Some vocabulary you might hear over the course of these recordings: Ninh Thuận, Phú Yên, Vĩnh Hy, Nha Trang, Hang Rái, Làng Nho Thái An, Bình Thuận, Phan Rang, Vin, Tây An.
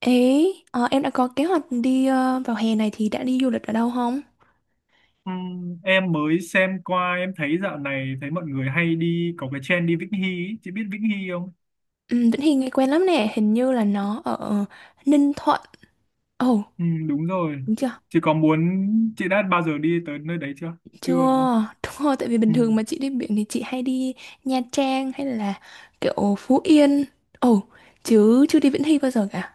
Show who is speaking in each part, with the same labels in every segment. Speaker 1: Ấy, em đã có kế hoạch đi vào hè này thì đã đi du lịch ở đâu không?
Speaker 2: Em mới xem qua, em thấy dạo này thấy mọi người hay đi, có cái trend đi Vĩnh Hy ý. Chị biết Vĩnh Hy không?
Speaker 1: Ừ, Vĩnh Hy nghe quen lắm nè, hình như là nó ở Ninh Thuận. Ồ,
Speaker 2: Đúng rồi.
Speaker 1: đúng chưa?
Speaker 2: Chị có muốn Chị đã bao giờ đi tới nơi đấy chưa? Chưa đúng không?
Speaker 1: Chưa, đúng rồi, tại vì bình thường
Speaker 2: Ừm,
Speaker 1: mà chị đi biển thì chị hay đi Nha Trang hay là kiểu Phú Yên. Ồ, chứ chưa đi Vĩnh Hy bao giờ cả.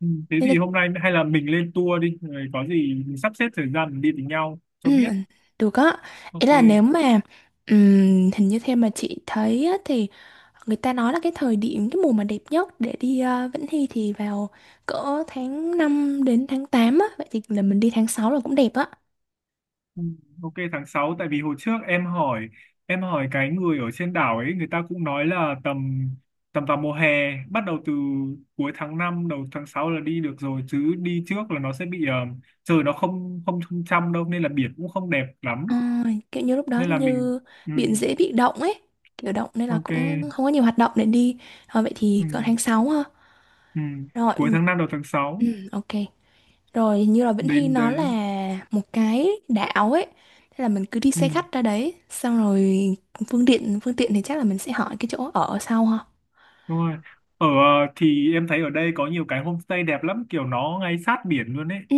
Speaker 2: Thế
Speaker 1: Nên là,
Speaker 2: thì hôm nay hay là mình lên tour đi, rồi có gì mình sắp xếp thời gian mình đi với nhau
Speaker 1: ừ,
Speaker 2: cho biết.
Speaker 1: được á. Ý
Speaker 2: Ok.
Speaker 1: là nếu mà, hình như theo mà chị thấy á, thì người ta nói là cái thời điểm, cái mùa mà đẹp nhất để đi Vĩnh Hy thì vào cỡ tháng 5 đến tháng 8 á. Vậy thì là mình đi tháng sáu là cũng đẹp á.
Speaker 2: Ừ, ok tháng sáu, tại vì hồi trước em hỏi, cái người ở trên đảo ấy người ta cũng nói là tầm tầm vào mùa hè, bắt đầu từ cuối tháng 5 đầu tháng 6 là đi được rồi, chứ đi trước là nó sẽ bị trời nó không không trong trong đâu, nên là biển cũng không đẹp lắm.
Speaker 1: Ờ, kiểu như lúc đó
Speaker 2: Nên
Speaker 1: hình
Speaker 2: là mình,
Speaker 1: như
Speaker 2: ừ,
Speaker 1: biển dễ bị động ấy. Kiểu động nên là
Speaker 2: ok.
Speaker 1: cũng không có nhiều hoạt động để đi. Ờ, vậy
Speaker 2: Ừ,
Speaker 1: thì cỡ tháng 6 ha.
Speaker 2: ừ, cuối
Speaker 1: Rồi,
Speaker 2: tháng 5 đầu tháng 6
Speaker 1: ừ, ok. Rồi hình như là Vĩnh Hy
Speaker 2: đến
Speaker 1: nó
Speaker 2: đấy.
Speaker 1: là một cái đảo ấy. Thế là mình cứ đi
Speaker 2: Ừ,
Speaker 1: xe khách ra đấy. Xong rồi phương tiện thì chắc là mình sẽ hỏi cái chỗ ở sau ha.
Speaker 2: đúng rồi. Thì em thấy ở đây có nhiều cái homestay đẹp lắm, kiểu nó ngay sát biển luôn ấy.
Speaker 1: Ừ.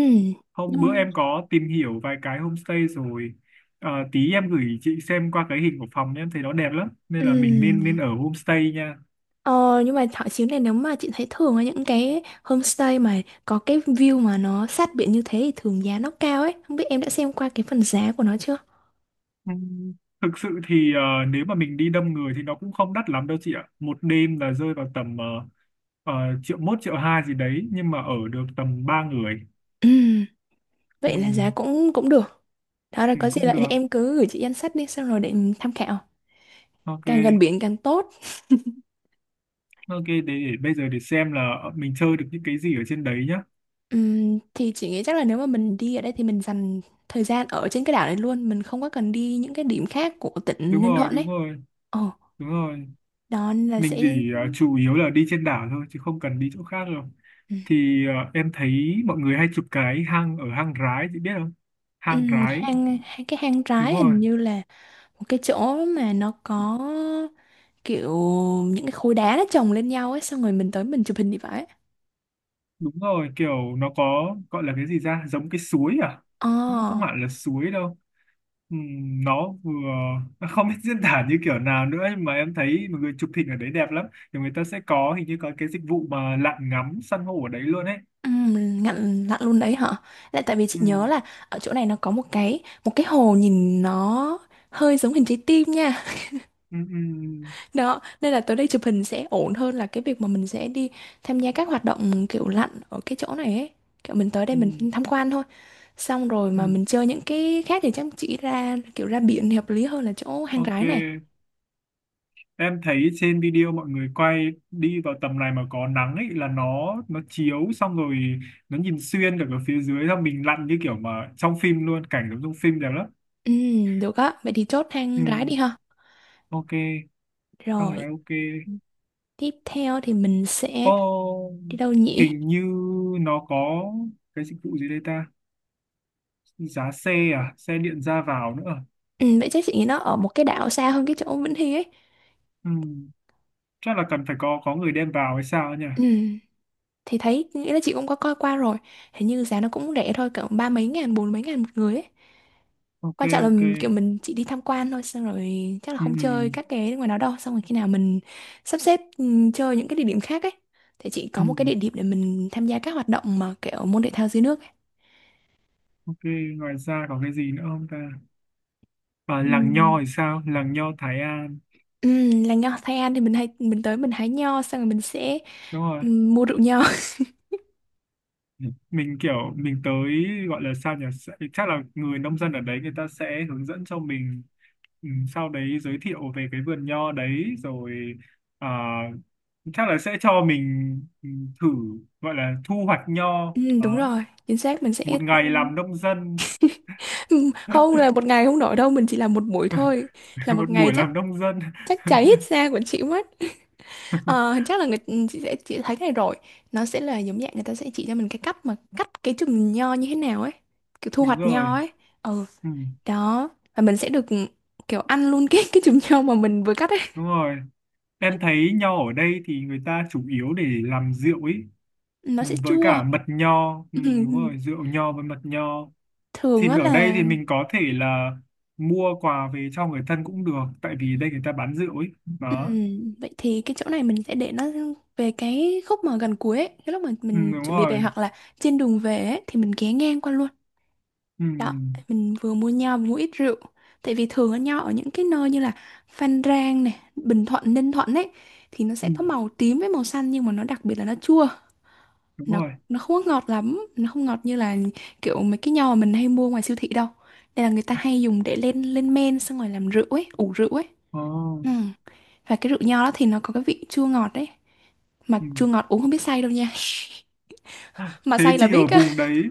Speaker 2: Hôm bữa
Speaker 1: nhưng-
Speaker 2: em có tìm hiểu vài cái homestay rồi. Tí em gửi chị xem qua cái hình của phòng nhé, em thấy nó đẹp lắm. Nên là mình nên nên
Speaker 1: Ừ.
Speaker 2: ở homestay nha.
Speaker 1: Ờ, nhưng mà thảo chính này nếu mà chị thấy thường ở những cái homestay mà có cái view mà nó sát biển như thế thì thường giá nó cao ấy. Không biết em đã xem qua cái phần giá của nó chưa?
Speaker 2: Ừ, thực sự thì nếu mà mình đi đông người thì nó cũng không đắt lắm đâu chị ạ. Một đêm là rơi vào tầm triệu mốt triệu hai gì đấy, nhưng mà ở được tầm ba người.
Speaker 1: Ừm,
Speaker 2: Ừ,
Speaker 1: vậy là giá cũng cũng được. Đó là
Speaker 2: ừ,
Speaker 1: có gì
Speaker 2: cũng
Speaker 1: lại thì
Speaker 2: được.
Speaker 1: em cứ gửi chị danh sách đi xong rồi để mình tham khảo.
Speaker 2: Ok.
Speaker 1: Càng gần biển càng tốt.
Speaker 2: Ok để bây giờ để xem là mình chơi được những cái gì ở trên đấy nhá.
Speaker 1: Thì chị nghĩ chắc là nếu mà mình đi ở đây thì mình dành thời gian ở trên cái đảo này luôn. Mình không có cần đi những cái điểm khác của tỉnh
Speaker 2: Đúng
Speaker 1: Ninh
Speaker 2: rồi,
Speaker 1: Thuận ấy.
Speaker 2: đúng rồi,
Speaker 1: Ồ,
Speaker 2: đúng rồi,
Speaker 1: đó nên là
Speaker 2: mình
Speaker 1: sẽ.
Speaker 2: chỉ chủ yếu là đi trên đảo thôi chứ không cần đi chỗ khác đâu.
Speaker 1: Ừm,
Speaker 2: Thì em thấy mọi người hay chụp cái hang ở hang Rái, chị biết không? Hang Rái.
Speaker 1: hang, hang, Cái hang
Speaker 2: Đúng
Speaker 1: trái
Speaker 2: rồi,
Speaker 1: hình như là một cái chỗ mà nó có kiểu những cái khối đá nó chồng lên nhau ấy, xong rồi mình tới mình chụp hình thì phải.
Speaker 2: đúng rồi, kiểu nó có gọi là cái gì ra giống cái suối à?
Speaker 1: ờ
Speaker 2: Cũng không hẳn là suối đâu. Nó vừa không biết diễn tả như kiểu nào nữa, nhưng mà em thấy mọi người chụp hình ở đấy đẹp lắm. Thì người ta sẽ có, hình như có cái dịch vụ mà lặn ngắm san hô ở đấy luôn ấy.
Speaker 1: Ngặn lặn luôn đấy hả? Lại tại vì chị nhớ
Speaker 2: Ừm,
Speaker 1: là ở chỗ này nó có một cái hồ nhìn nó hơi giống hình trái tim nha.
Speaker 2: ừm, ừm,
Speaker 1: Đó nên là tới đây chụp hình sẽ ổn hơn là cái việc mà mình sẽ đi tham gia các hoạt động kiểu lặn ở cái chỗ này ấy, kiểu mình tới đây mình
Speaker 2: ừm,
Speaker 1: tham quan thôi, xong rồi mà
Speaker 2: ừm.
Speaker 1: mình chơi những cái khác thì chắc chị ra kiểu ra biển thì hợp lý hơn là chỗ hang
Speaker 2: Ok.
Speaker 1: rái này.
Speaker 2: Em thấy trên video mọi người quay đi vào tầm này mà có nắng ấy, là nó chiếu, xong rồi nó nhìn xuyên cả cái phía dưới, xong mình lặn như kiểu mà trong phim luôn, cảnh giống trong phim đẹp lắm.
Speaker 1: Được á, vậy thì chốt
Speaker 2: Ừ,
Speaker 1: hang rái đi ha.
Speaker 2: ok, thằng
Speaker 1: Rồi,
Speaker 2: này ok.
Speaker 1: tiếp theo thì mình sẽ
Speaker 2: Ô,
Speaker 1: đi đâu nhỉ?
Speaker 2: hình như nó có cái dịch vụ gì đây ta? Giá xe à, xe điện ra vào nữa à?
Speaker 1: Vậy chắc chị nghĩ nó ở một cái đảo xa hơn cái chỗ Vĩnh Hy ấy.
Speaker 2: Ừ, chắc là cần phải có người đem vào hay sao ấy nhỉ?
Speaker 1: Ừm, thì thấy, nghĩ là chị cũng có coi qua rồi. Hình như giá nó cũng rẻ thôi, cỡ ba mấy ngàn, bốn mấy ngàn một người ấy.
Speaker 2: Ok,
Speaker 1: Quan trọng là
Speaker 2: ok.
Speaker 1: kiểu mình chỉ đi tham quan thôi, xong rồi chắc là
Speaker 2: Ừ,
Speaker 1: không chơi
Speaker 2: ừ,
Speaker 1: các cái ngoài đó đâu. Xong rồi khi nào mình sắp xếp chơi những cái địa điểm khác ấy. Thì chị
Speaker 2: ừ.
Speaker 1: có một cái địa điểm để mình tham gia các hoạt động mà kiểu môn thể thao dưới nước ấy.
Speaker 2: Ok, ngoài ra có cái gì nữa không ta? Và
Speaker 1: Ừ.
Speaker 2: làng Nho thì sao, làng Nho Thái An?
Speaker 1: Là nho Tây An thì mình hay mình tới mình hái nho xong rồi mình sẽ
Speaker 2: Đúng rồi,
Speaker 1: mua rượu nho.
Speaker 2: mình kiểu mình tới, gọi là sao nhỉ, sẽ- chắc là người nông dân ở đấy người ta sẽ hướng dẫn cho mình, ừ, sau đấy giới thiệu về cái vườn nho đấy rồi, à, chắc là sẽ cho mình thử, gọi là thu hoạch nho
Speaker 1: Đúng
Speaker 2: đó.
Speaker 1: rồi, chính xác mình sẽ
Speaker 2: Một ngày làm nông dân.
Speaker 1: không là một ngày không nổi đâu, mình chỉ làm một buổi thôi. Là một
Speaker 2: Một
Speaker 1: ngày
Speaker 2: buổi
Speaker 1: chắc
Speaker 2: làm nông dân.
Speaker 1: chắc cháy hết da của chị mất. Ờ, chắc là người chị sẽ chị thấy cái này rồi. Nó sẽ là giống dạng người ta sẽ chỉ cho mình cái cách mà cắt cái chùm nho như thế nào ấy, kiểu thu
Speaker 2: Đúng
Speaker 1: hoạch
Speaker 2: rồi,
Speaker 1: nho ấy. Ừ,
Speaker 2: ừ,
Speaker 1: đó. Và mình sẽ được kiểu ăn luôn cái chùm nho mà mình vừa cắt ấy.
Speaker 2: đúng rồi, em thấy nho ở đây thì người ta chủ yếu để làm rượu ấy.
Speaker 1: Nó
Speaker 2: Ừ,
Speaker 1: sẽ
Speaker 2: với
Speaker 1: chua.
Speaker 2: cả mật nho, ừ, đúng
Speaker 1: Ừm,
Speaker 2: rồi, rượu nho với mật nho. Thì
Speaker 1: thường á
Speaker 2: ở đây
Speaker 1: là.
Speaker 2: thì mình có thể là mua quà về cho người thân cũng được, tại
Speaker 1: Ừ.
Speaker 2: vì đây người ta bán rượu ấy.
Speaker 1: Ừ,
Speaker 2: Đó.
Speaker 1: vậy thì cái chỗ này mình sẽ để nó về cái khúc mà gần cuối ấy. Cái lúc mà
Speaker 2: Ừ,
Speaker 1: mình
Speaker 2: đúng
Speaker 1: chuẩn bị về
Speaker 2: rồi.
Speaker 1: hoặc là trên đường về ấy, thì mình ghé ngang qua luôn.
Speaker 2: Ừ,
Speaker 1: Đó, mình vừa mua nho vừa mua ít rượu. Tại vì thường ở nho ở những cái nơi như là Phan Rang này, Bình Thuận, Ninh Thuận ấy, thì nó sẽ
Speaker 2: ừ,
Speaker 1: có màu tím với màu xanh nhưng mà nó đặc biệt là nó chua.
Speaker 2: đúng
Speaker 1: Nó
Speaker 2: rồi.
Speaker 1: nó không có ngọt lắm, nó không ngọt như là kiểu mấy cái nho mà mình hay mua ngoài siêu thị đâu. Nên là người ta hay dùng để lên lên men xong rồi làm rượu ấy, ủ rượu ấy.
Speaker 2: Oh,
Speaker 1: Ừ. Và cái rượu nho đó thì nó có cái vị chua ngọt đấy. Mà
Speaker 2: ừ.
Speaker 1: chua ngọt uống không biết say đâu nha. Mà
Speaker 2: Thế
Speaker 1: say là
Speaker 2: chị ở
Speaker 1: biết á.
Speaker 2: vùng đấy,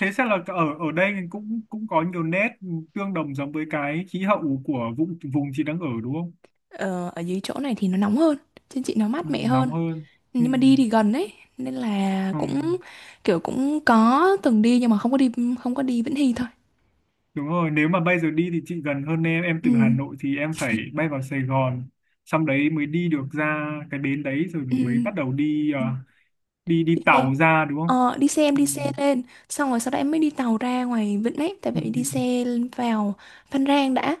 Speaker 2: thế chắc là ở ở đây cũng cũng có nhiều nét tương đồng giống với cái khí hậu của vùng vùng chị đang ở đúng không?
Speaker 1: Ờ, ở dưới chỗ này thì nó nóng hơn. Trên chị nó
Speaker 2: Ừ,
Speaker 1: mát mẻ
Speaker 2: nóng
Speaker 1: hơn.
Speaker 2: hơn. Ừ,
Speaker 1: Nhưng mà đi thì gần đấy. Nên là
Speaker 2: ừ.
Speaker 1: cũng kiểu cũng có từng đi nhưng mà không có đi Vĩnh Hy thôi.
Speaker 2: Đúng rồi, nếu mà bây giờ đi thì chị gần hơn em
Speaker 1: Ừ.
Speaker 2: từ Hà Nội thì em phải bay vào Sài Gòn, xong đấy mới đi được ra cái bến đấy rồi
Speaker 1: Ừ.
Speaker 2: mới bắt đầu đi đi đi
Speaker 1: Đi xe.
Speaker 2: tàu ra đúng không?
Speaker 1: Ờ, đi xe em
Speaker 2: Ừ.
Speaker 1: đi xe lên. Xong rồi sau đó em mới đi tàu ra ngoài Vịnh ấy. Tại
Speaker 2: Ừ.
Speaker 1: vậy
Speaker 2: Ừ.
Speaker 1: đi xe vào Phan Rang đã,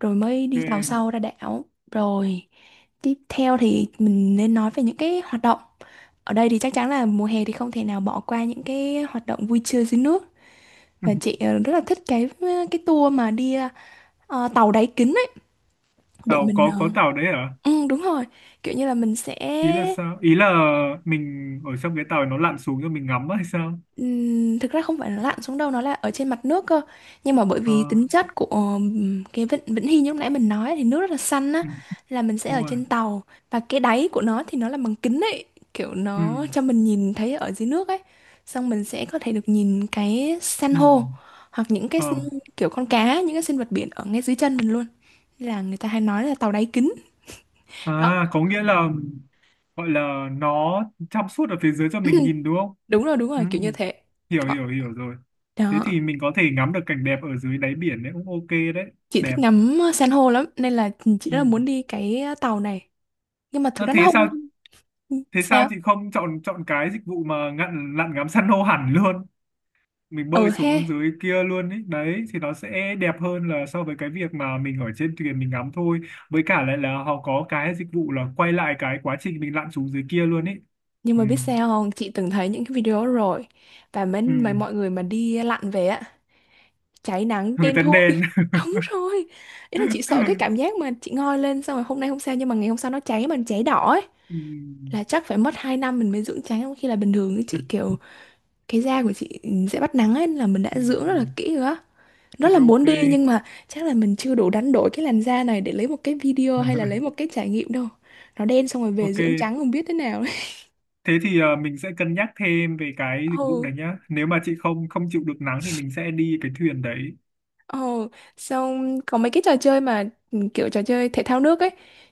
Speaker 1: rồi mới đi tàu
Speaker 2: Ok.
Speaker 1: sâu ra đảo, rồi tiếp theo thì mình nên nói về những cái hoạt động ở đây. Thì chắc chắn là mùa hè thì không thể nào bỏ qua những cái hoạt động vui chơi dưới nước, và chị rất là thích cái tour mà đi tàu đáy kính ấy, để
Speaker 2: Tàu
Speaker 1: mình
Speaker 2: có tàu đấy hả?
Speaker 1: ừ, đúng rồi kiểu như là mình sẽ.
Speaker 2: Ý là sao? Ý là mình ở trong cái tàu nó lặn xuống cho mình ngắm á hay sao?
Speaker 1: Thực ra không phải là lặn xuống đâu, nó là ở trên mặt nước cơ nhưng mà bởi
Speaker 2: Ờ,
Speaker 1: vì tính chất của cái vịnh Vĩnh Hy như lúc nãy mình nói thì nước rất là xanh á,
Speaker 2: ừ,
Speaker 1: là mình sẽ
Speaker 2: đúng
Speaker 1: ở
Speaker 2: rồi.
Speaker 1: trên tàu và cái đáy của nó thì nó là bằng kính ấy, kiểu
Speaker 2: Ừ,
Speaker 1: nó cho mình nhìn thấy ở dưới nước ấy, xong mình sẽ có thể được nhìn cái san
Speaker 2: ừ,
Speaker 1: hô hoặc những
Speaker 2: ờ.
Speaker 1: kiểu con cá những cái sinh vật biển ở ngay dưới chân mình luôn. Nên là người ta hay nói là tàu đáy kính. Đó.
Speaker 2: À, có nghĩa là gọi là nó trong suốt ở phía dưới cho mình nhìn đúng không?
Speaker 1: Đúng rồi, đúng
Speaker 2: Ừ.
Speaker 1: rồi, kiểu như thế.
Speaker 2: Hiểu
Speaker 1: Đó.
Speaker 2: hiểu hiểu rồi. Thế thì
Speaker 1: Đó.
Speaker 2: mình có thể ngắm được cảnh đẹp ở dưới đáy biển đấy, cũng ok đấy.
Speaker 1: Chị
Speaker 2: Đẹp.
Speaker 1: thích ngắm san hô lắm nên là chị
Speaker 2: Ừ.
Speaker 1: rất là muốn đi cái tàu này, nhưng mà thực
Speaker 2: Nó
Speaker 1: ra nó
Speaker 2: thế
Speaker 1: không
Speaker 2: sao?
Speaker 1: không-
Speaker 2: Thế sao
Speaker 1: sao.
Speaker 2: chị không chọn chọn cái dịch vụ mà ngặn lặn ngắm san hô hẳn luôn, mình
Speaker 1: Ờ
Speaker 2: bơi
Speaker 1: he
Speaker 2: xuống dưới kia luôn ấy đấy thì nó sẽ đẹp hơn là so với cái việc mà mình ở trên thuyền mình ngắm thôi. Với cả lại là họ có cái dịch vụ là quay lại cái quá trình mình lặn xuống dưới kia luôn ấy.
Speaker 1: Nhưng
Speaker 2: Ừ.
Speaker 1: mà biết sao không, chị từng thấy những cái video đó rồi, và mấy,
Speaker 2: Ừ.
Speaker 1: mấy mọi người mà đi lặn về á, cháy nắng
Speaker 2: Người
Speaker 1: đen
Speaker 2: ta
Speaker 1: thui.
Speaker 2: đền.
Speaker 1: Đúng rồi, ý là chị sợ cái
Speaker 2: Ừ.
Speaker 1: cảm giác mà chị ngoi lên xong rồi hôm nay không sao nhưng mà ngày hôm sau nó cháy mà cháy đỏ ấy, là chắc phải mất 2 năm mình mới dưỡng trắng, trong khi là bình thường ấy,
Speaker 2: Ừ.
Speaker 1: chị kiểu cái da của chị sẽ bắt nắng ấy, là mình đã
Speaker 2: Ừ. Ừ.
Speaker 1: dưỡng rất là kỹ rồi á, rất
Speaker 2: Thế
Speaker 1: là
Speaker 2: rồi ok.
Speaker 1: muốn đi nhưng mà chắc là mình chưa đủ đánh đổi cái làn da này để lấy một cái video hay là lấy một cái trải nghiệm đâu. Nó đen xong rồi về
Speaker 2: Ok.
Speaker 1: dưỡng trắng không biết thế nào. Đấy.
Speaker 2: Thế thì mình sẽ cân nhắc thêm về cái dịch vụ
Speaker 1: Ừ.
Speaker 2: này nhá. Nếu mà chị không không chịu được nắng thì mình sẽ đi cái thuyền đấy.
Speaker 1: Ừ. Xong có mấy cái trò chơi mà kiểu trò chơi thể thao nước ấy,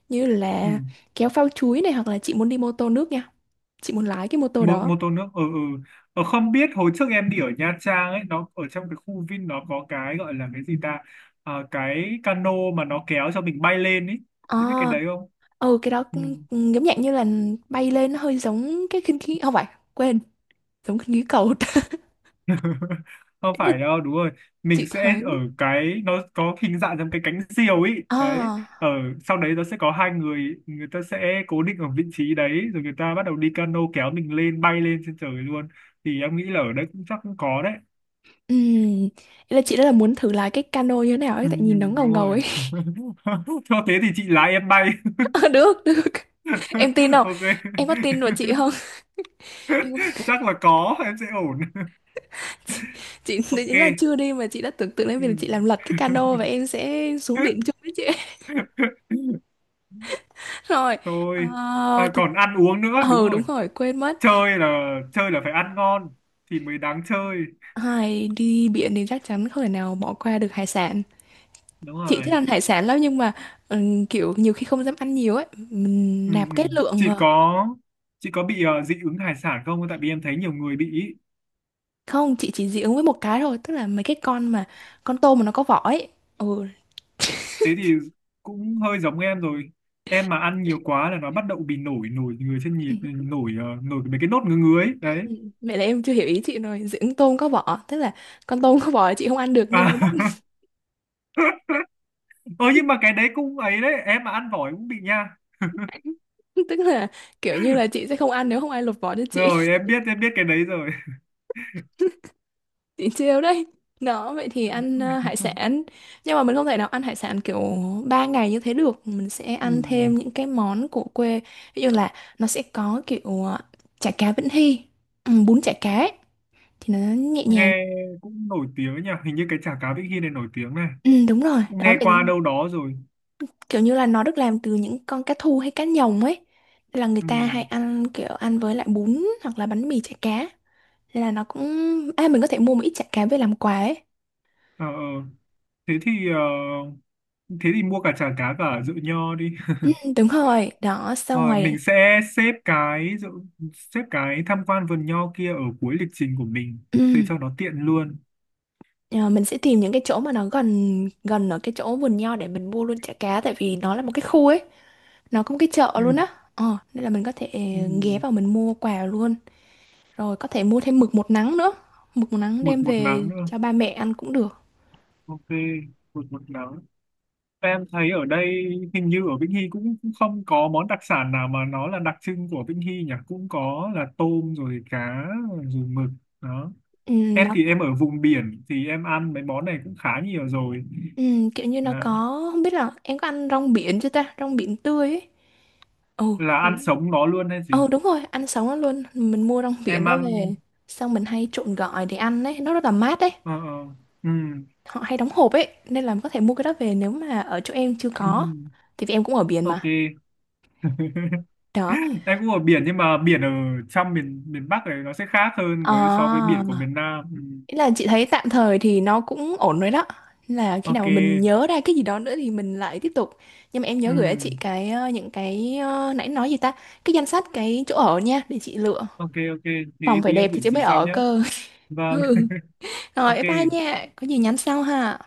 Speaker 1: như
Speaker 2: Ừ.
Speaker 1: là kéo phao chuối này hoặc là chị muốn đi mô tô nước nha, chị muốn lái cái mô tô đó.
Speaker 2: Mô tô nước. Ừ, ừ. Không biết hồi trước em đi ở Nha Trang ấy, nó ở trong cái khu Vin nó có cái gọi là cái gì ta? Cái cano mà nó kéo cho mình bay lên ấy. Chị biết cái
Speaker 1: ờ
Speaker 2: đấy không?
Speaker 1: ừ,
Speaker 2: Ừ.
Speaker 1: cũng giống dạng như là bay lên, nó hơi giống cái khinh khí không phải, quên, giống khinh khí cầu.
Speaker 2: Không
Speaker 1: Thế là
Speaker 2: phải đâu, đúng rồi, mình
Speaker 1: chị
Speaker 2: sẽ
Speaker 1: thấy,
Speaker 2: ở cái nó có hình dạng giống cái cánh diều ấy
Speaker 1: ờ
Speaker 2: đấy, ở sau đấy nó sẽ có hai người, người ta sẽ cố định ở vị trí đấy rồi người ta bắt đầu đi cano kéo mình lên bay lên trên trời luôn. Thì em nghĩ là ở đấy cũng chắc cũng có đấy.
Speaker 1: Ừm, ý là chị rất là muốn thử lái cái cano như thế nào ấy,
Speaker 2: Ừ,
Speaker 1: tại
Speaker 2: ừ,
Speaker 1: nhìn nó ngầu
Speaker 2: đúng
Speaker 1: ngầu
Speaker 2: rồi.
Speaker 1: ấy.
Speaker 2: Cho thế thì chị lái em bay.
Speaker 1: Được, được. Em tin không?
Speaker 2: Ok.
Speaker 1: Em có tin vào chị không? Em,
Speaker 2: Chắc là có em sẽ ổn.
Speaker 1: chị
Speaker 2: Ok.
Speaker 1: ý là chưa đi mà chị đã tưởng tượng đến
Speaker 2: Ừ.
Speaker 1: việc là chị làm lật cái cano và em sẽ xuống biển chung với chị. Rồi. Ờ
Speaker 2: Thôi, à,
Speaker 1: thực
Speaker 2: còn ăn uống nữa đúng
Speaker 1: Ừ,
Speaker 2: rồi.
Speaker 1: đúng rồi, quên mất.
Speaker 2: Chơi là chơi là phải ăn ngon thì mới đáng chơi.
Speaker 1: Ai đi biển thì chắc chắn không thể nào bỏ qua được hải sản.
Speaker 2: Đúng
Speaker 1: Chị
Speaker 2: rồi.
Speaker 1: thích ăn hải sản lắm nhưng mà kiểu nhiều khi không dám ăn nhiều ấy, mình
Speaker 2: Ừ,
Speaker 1: nạp
Speaker 2: ừ.
Speaker 1: cái lượng.
Speaker 2: chị
Speaker 1: Ờ,
Speaker 2: có chị có bị dị ứng hải sản không, tại vì em thấy nhiều người bị ý.
Speaker 1: Không, chị chỉ dị ứng với một cái thôi, tức là mấy cái con mà con tôm mà nó có vỏ ấy. Ừ,
Speaker 2: Thế thì cũng hơi giống em rồi, em mà ăn nhiều quá là nó bắt đầu bị nổi nổi người trên nhịp nổi nổi mấy cái nốt ngứa ngứa ấy đấy.
Speaker 1: mẹ là em chưa hiểu ý chị rồi, dị ứng tôm có vỏ, tức là con tôm có vỏ chị không ăn được nhưng nó bóc,
Speaker 2: À. Ơ nhưng mà cái đấy cũng ấy đấy, em mà ăn tỏi cũng bị nha.
Speaker 1: tức là kiểu như là chị sẽ không ăn nếu không ai lột vỏ cho chị.
Speaker 2: Rồi em biết, cái đấy rồi.
Speaker 1: Chị trêu đấy. Đó, vậy thì ăn hải sản. Nhưng mà mình không thể nào ăn hải sản kiểu 3 ngày như thế được, mình sẽ
Speaker 2: Ừ.
Speaker 1: ăn thêm những cái món của quê. Ví dụ là nó sẽ có kiểu chả cá Vĩnh Hy, bún chả cá ấy. Thì nó nhẹ nhàng.
Speaker 2: Nghe cũng nổi tiếng nhỉ, hình như cái chả cá Vĩnh Hy này nổi tiếng, này
Speaker 1: Ừ, đúng rồi, đó,
Speaker 2: nghe
Speaker 1: vậy
Speaker 2: qua đâu đó rồi.
Speaker 1: kiểu như là nó được làm từ những con cá thu hay cá nhồng ấy. Nên là người
Speaker 2: Ừ.
Speaker 1: ta hay ăn kiểu ăn với lại bún hoặc là bánh mì chả cá, nên là nó cũng, à mình có thể mua một ít chả cá về làm quà ấy.
Speaker 2: Ờ, ờ. thế thì ờ, Thế thì mua cả chả cá cả rượu nho đi.
Speaker 1: Ừ, đúng rồi, đó xong
Speaker 2: Rồi
Speaker 1: rồi.
Speaker 2: mình sẽ xếp cái rượu- xếp cái tham quan vườn nho kia ở cuối lịch trình của mình để
Speaker 1: Ừ,
Speaker 2: cho nó tiện luôn.
Speaker 1: ờ, mình sẽ tìm những cái chỗ mà nó gần gần ở cái chỗ vườn nho để mình mua luôn chả cá, tại vì nó là một cái khu ấy, nó có một cái chợ luôn
Speaker 2: Ừ,
Speaker 1: á. Ờ, nên là mình có thể
Speaker 2: ừ.
Speaker 1: ghé vào mình mua quà luôn, rồi có thể mua thêm mực một nắng nữa, mực một nắng
Speaker 2: Mực
Speaker 1: đem
Speaker 2: một nắng
Speaker 1: về
Speaker 2: nữa.
Speaker 1: cho ba mẹ ăn cũng được.
Speaker 2: Ok, mực một nắng. Em thấy ở đây hình như ở Vĩnh Hy cũng không có món đặc sản nào mà nó là đặc trưng của Vĩnh Hy nhỉ. Cũng có là tôm rồi cá rồi mực đó.
Speaker 1: Ừ,
Speaker 2: Em thì em ở vùng biển thì em ăn mấy món này cũng khá nhiều rồi.
Speaker 1: Ừ, kiểu như nó
Speaker 2: À,
Speaker 1: có, không biết là em có ăn rong biển chưa ta, rong biển tươi ấy. Ồ
Speaker 2: là ăn
Speaker 1: thì,
Speaker 2: sống nó luôn hay gì?
Speaker 1: ừ đúng rồi ăn sống nó luôn, mình mua rong
Speaker 2: Em
Speaker 1: biển đó
Speaker 2: ăn
Speaker 1: về xong mình hay trộn gỏi để ăn ấy, nó rất là mát ấy.
Speaker 2: ờ ờ ừ
Speaker 1: Họ hay đóng hộp ấy nên là có thể mua cái đó về nếu mà ở chỗ em chưa
Speaker 2: ừ
Speaker 1: có,
Speaker 2: ừ.
Speaker 1: thì vì em cũng ở biển
Speaker 2: Ok.
Speaker 1: mà. Đó.
Speaker 2: Em cũng ở biển nhưng mà biển ở trong miền miền Bắc này nó sẽ khác hơn với so với
Speaker 1: À,
Speaker 2: biển của miền Nam ừ.
Speaker 1: ý là chị thấy tạm thời thì nó cũng ổn rồi đó. Nên là khi nào
Speaker 2: Ok.
Speaker 1: mà mình nhớ ra cái gì đó nữa thì mình lại tiếp tục, nhưng mà em nhớ
Speaker 2: Ừ.
Speaker 1: gửi cho chị cái những cái nãy nói gì ta, cái danh sách cái chỗ ở nha để chị lựa.
Speaker 2: Ok, ok. Thế
Speaker 1: Phòng phải
Speaker 2: tí
Speaker 1: đẹp
Speaker 2: em
Speaker 1: thì
Speaker 2: gửi
Speaker 1: chứ
Speaker 2: chị
Speaker 1: mới
Speaker 2: sau
Speaker 1: ở
Speaker 2: nhé.
Speaker 1: cơ.
Speaker 2: Vâng.
Speaker 1: Ừ. Rồi
Speaker 2: Ok.
Speaker 1: bye bye nha. Có gì nhắn sau ha.